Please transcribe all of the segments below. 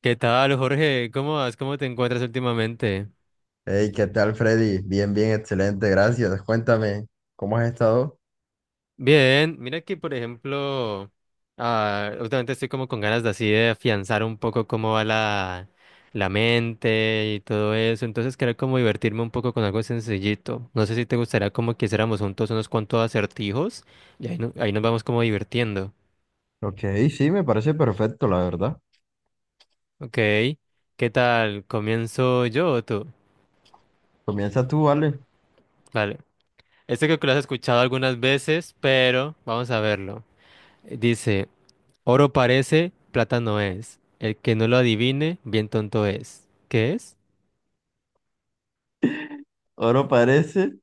¿Qué tal, Jorge? ¿Cómo vas? ¿Cómo te encuentras últimamente? Hey, ¿qué tal, Freddy? Bien, bien, excelente, gracias. Cuéntame, ¿cómo has estado? Bien, mira que, por ejemplo, últimamente estoy como con ganas de así de afianzar un poco cómo va la mente y todo eso, entonces quería como divertirme un poco con algo sencillito. No sé si te gustaría como que hiciéramos juntos unos cuantos acertijos y ahí, no- ahí nos vamos como divirtiendo. Ok, sí, me parece perfecto, la verdad. Ok, ¿qué tal? ¿Comienzo yo o tú? Comienza tú, vale. Vale, este creo que lo has escuchado algunas veces, pero vamos a verlo. Dice... Oro parece, plata no es. El que no lo adivine, bien tonto es. ¿Qué es? Oro parece.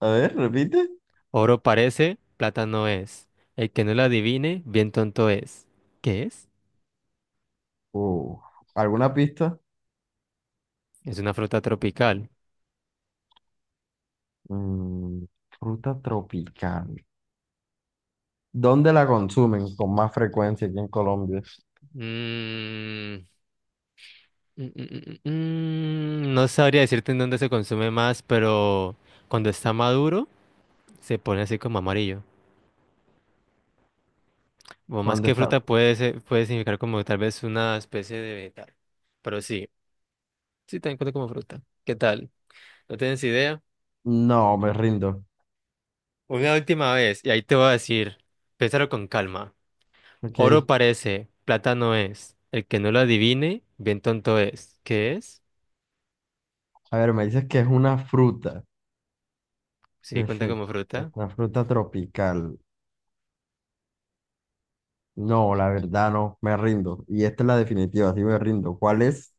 A ver, repite. Oro parece, plata no es. El que no lo adivine, bien tonto es. ¿Qué es? Uh, ¿Alguna pista? Es una fruta tropical. Mm, fruta tropical. ¿Dónde la consumen con más frecuencia aquí en Colombia? Mm, mm, mm, mm. No sabría decirte en dónde se consume más, pero cuando está maduro, se pone así como amarillo. O más Cuando que está... fruta puede significar como tal vez una especie de vegetal. Pero sí, sí, también cuenta como fruta. ¿Qué tal? ¿No tienes idea? No, me rindo. Una última vez, y ahí te voy a decir, piénsalo con calma. Ok. Oro parece, plata no es. El que no lo adivine, bien tonto es. ¿Qué es? A ver, me dices que es una fruta. Sí, cuenta como Perfecto. Es fruta. una fruta tropical. No, la verdad no, me rindo. Y esta es la definitiva, sí me rindo. ¿Cuál es?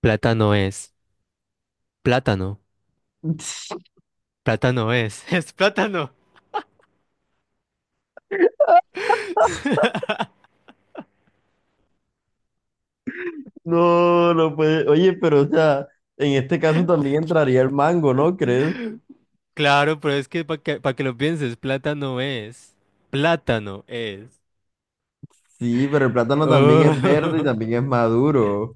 Plátano es. Plátano. Plátano es. Es plátano. No, no puede. Oye, pero o sea, en este caso también entraría el mango, ¿no crees? Claro, pero es que pa' que lo pienses, plátano es. Plátano es. Sí, pero el plátano también es verde y Oh. también es maduro.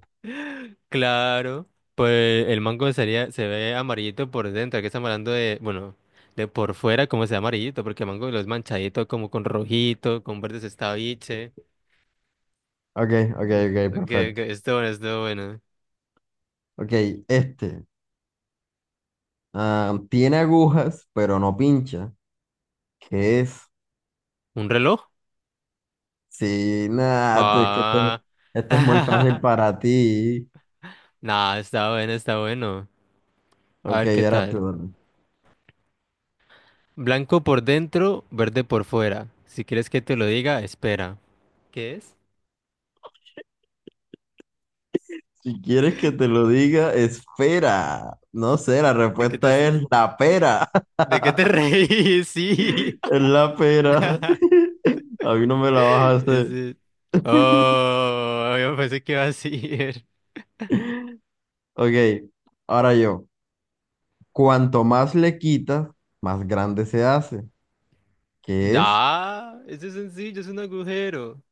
Claro, pues el mango sería, se ve amarillito por dentro, que estamos hablando de, bueno, de por fuera como se ve amarillito, porque el mango lo es manchadito como con rojito, con verdes estaviche, Ok, ok, ok, perfecto. que esto bueno, esto bueno. Ok, este. Ah, tiene agujas, pero no pincha. ¿Qué es? ¿Un reloj? Sí, nada, tú- es que esto, Ah, esto es muy fácil para ti. nah, está bueno, está bueno. A Ok, ver qué ahora tal. tú. Blanco por dentro, verde por fuera. Si quieres que te lo diga, espera. ¿Qué es? Si quieres que te lo diga, espera. No sé, la ¿De qué te respuesta es estás? la pera. ¿De qué te reís? Sí. Es la pera. A mí no me la vas a Es hacer. de- Oh, yo pensé que iba a decir. Ok, ahora yo. Cuanto más le quitas, más grande se hace. ¿Qué es? Da, eso es sencillo, es un agujero.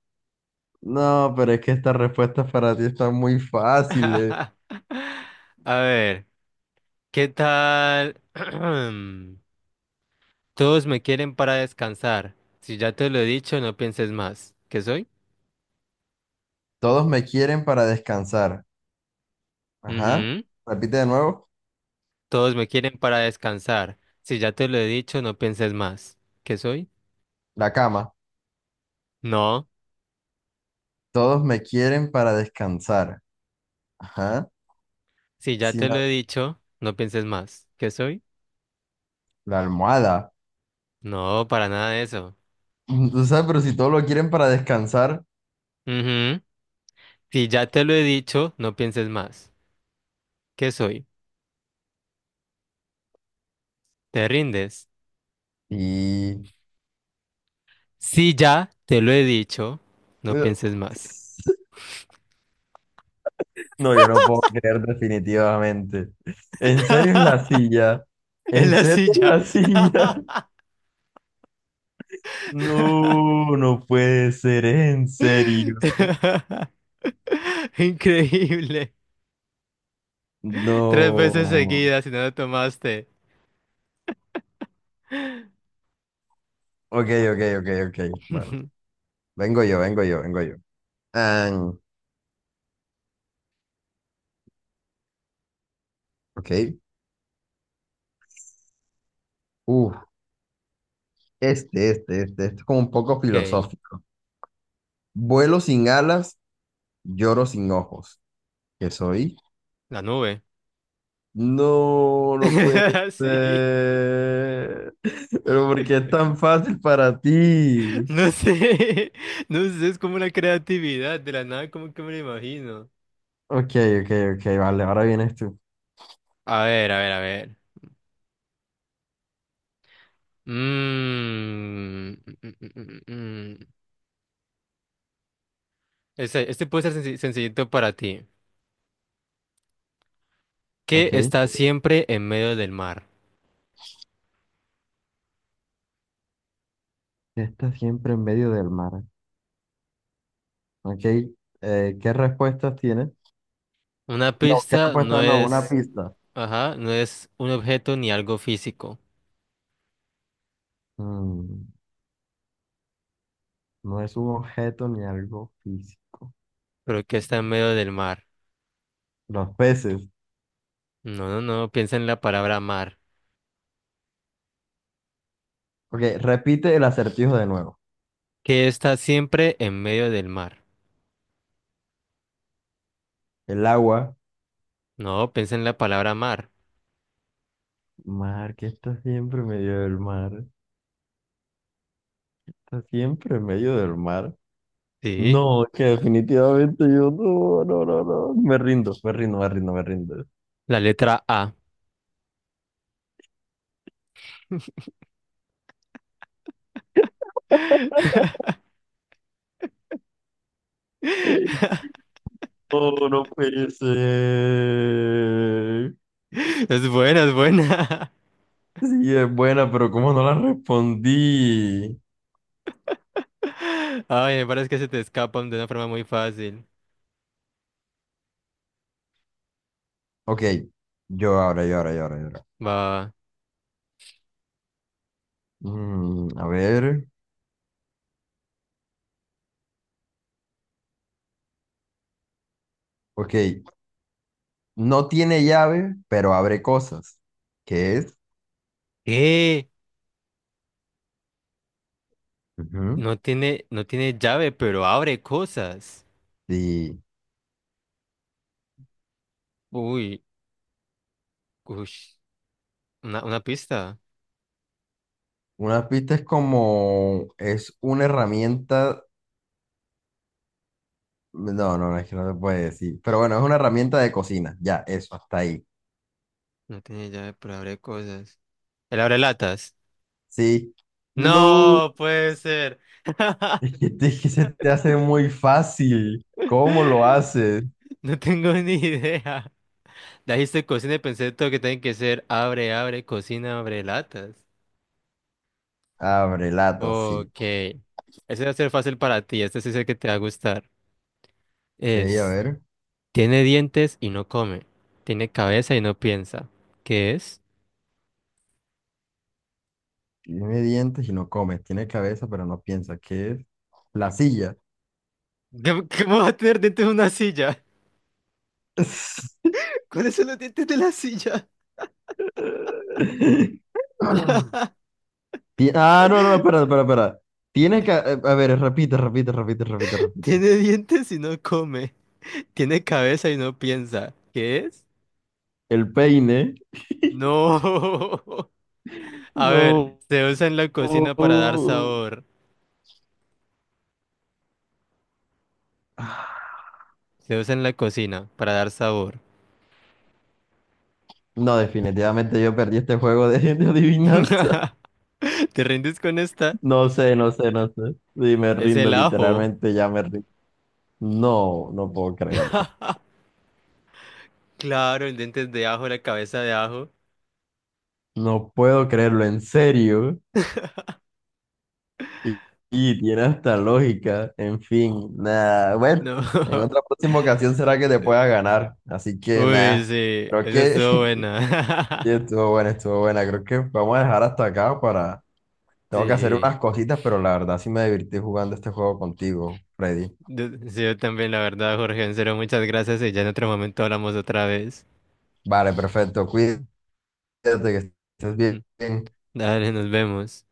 No, pero es que estas respuestas para ti están muy fáciles. A ver, ¿qué tal? Todos me quieren para descansar. Si ya te lo he dicho, no pienses más. ¿Qué soy? Todos me quieren para descansar. Ajá. Ujú. Repite de nuevo. Todos me quieren para descansar. Si ya te lo he dicho, no pienses más. ¿Qué soy? La cama. No. Todos me quieren para descansar. Ajá. Si ya Sin te lo la he dicho, no pienses más. ¿Qué soy? la almohada. No, para nada de eso. Tú sabes, pero si todos lo quieren para descansar Ujú. Si ya te lo he dicho, no pienses más. ¿Qué soy? ¿Te rindes? y... Si ya te lo he dicho, no pienses más. No, yo no puedo creer definitivamente. ¿En serio es la silla? En ¿En la serio es silla. la silla? No, no puede ser, en serio. Increíble. Tres veces No. seguidas y no lo tomaste. Ok, ok, ok, ok. Bueno, vengo yo, vengo yo, vengo yo. Ah, ok. Uf, este es como un poco Ok, filosófico. Vuelo sin alas, lloro sin ojos. ¿Qué soy? la nube. No, no puede Sí. ser. Pero ¿por qué es tan fácil para ti? No sé. No sé, es como la creatividad de la nada, como que me lo imagino. Ok, ok, ok, vale, ahora vienes tú. A ver, a ver, a ver. Mm, mm, mm, mm, mm. mm. Este, puede ser sencillito para ti. Ok. ¿Qué ¿Qué está siempre en medio del mar? está siempre en medio del mar? Ok. ¿Qué respuestas tienes? Una No, ¿qué pista no respuesta? No, una es, pista. ajá, no es un objeto ni algo físico, Mm, no es un objeto ni algo físico. pero ¿qué está en medio del mar? Los peces. No, no, no, piensa en la palabra mar. Ok, repite el acertijo de nuevo. ¿Qué está siempre en medio del mar? El agua. No, piensa en la palabra mar. Mar, que está siempre en medio del mar. Está siempre en medio del mar. Sí, No, es que definitivamente yo no, no, no, no. Me rindo, me rindo, me rindo, me rindo. la letra A. No, no puede ser. Es buena, es buena. Sí, es buena, pero ¿cómo no la respondí? Ay, me parece que se te escapan de una forma muy fácil. Ok, yo ahora, yo ahora, yo ahora, yo ahora. Va. Mm, a ver, ok. No tiene llave, pero abre cosas. ¿Qué es? Eh, Ujú. no tiene llave, pero abre cosas. Sí. Uy, uy. Una pista. Una pista es como, es una herramienta. No, no, no, es que no se puede decir. Pero bueno, es una herramienta de cocina. Ya, eso, hasta ahí. No tiene llave, pero abre cosas. El abre latas. Sí. No. No puede ser. Es que, te- es que se te hace muy fácil. ¿Cómo lo haces? No tengo ni idea. Dijiste cocina y pensé todo que tiene que ser cocina, abre latas. Abre lata, sí. Ok. Ese va a ser fácil para ti. Este sí es el que te va a gustar. Ok, a Es ver. tiene dientes y no come. Tiene cabeza y no piensa. ¿Qué es? Tiene dientes y no come. Tiene cabeza, pero no piensa. ¿Qué es? La silla. ¿Qué- ¿Cómo va a tener dientes una silla? ¿Cuáles son los dientes de la silla? Ti- ah, no, no, espera, espera, espera. Tiene que... a ver, repite, repite, repite, repite, repite. Tiene dientes y no come. Tiene cabeza y no piensa. ¿Qué es? El peine. No. A ver, No. se usa en la cocina para dar sabor. Se usa en la cocina para dar sabor. No, definitivamente yo perdí este juego de adivinanza. ¿Te rindes con esta? No sé, no sé, no sé. Sí, me Es rindo, el ajo. literalmente ya me rindo. No, no puedo creerlo. Claro, el diente es de ajo, la cabeza de ajo. No puedo creerlo, en serio. Y, y tiene hasta lógica. En fin, nada. Bueno, No. en otra próxima ocasión será que te pueda ganar. Así que Uy, nada. sí, Creo esa que estuvo sí, buena. estuvo buena, estuvo buena. Creo que vamos a dejar hasta acá para... Tengo que hacer Sí, unas cositas, pero la verdad sí me divertí jugando este juego contigo, Freddy. Yo también, la verdad, Jorge, en serio, muchas gracias y ya en otro momento hablamos otra vez. Vale, perfecto. Cuídate. Cuídate, que estés bien. Dale, nos vemos.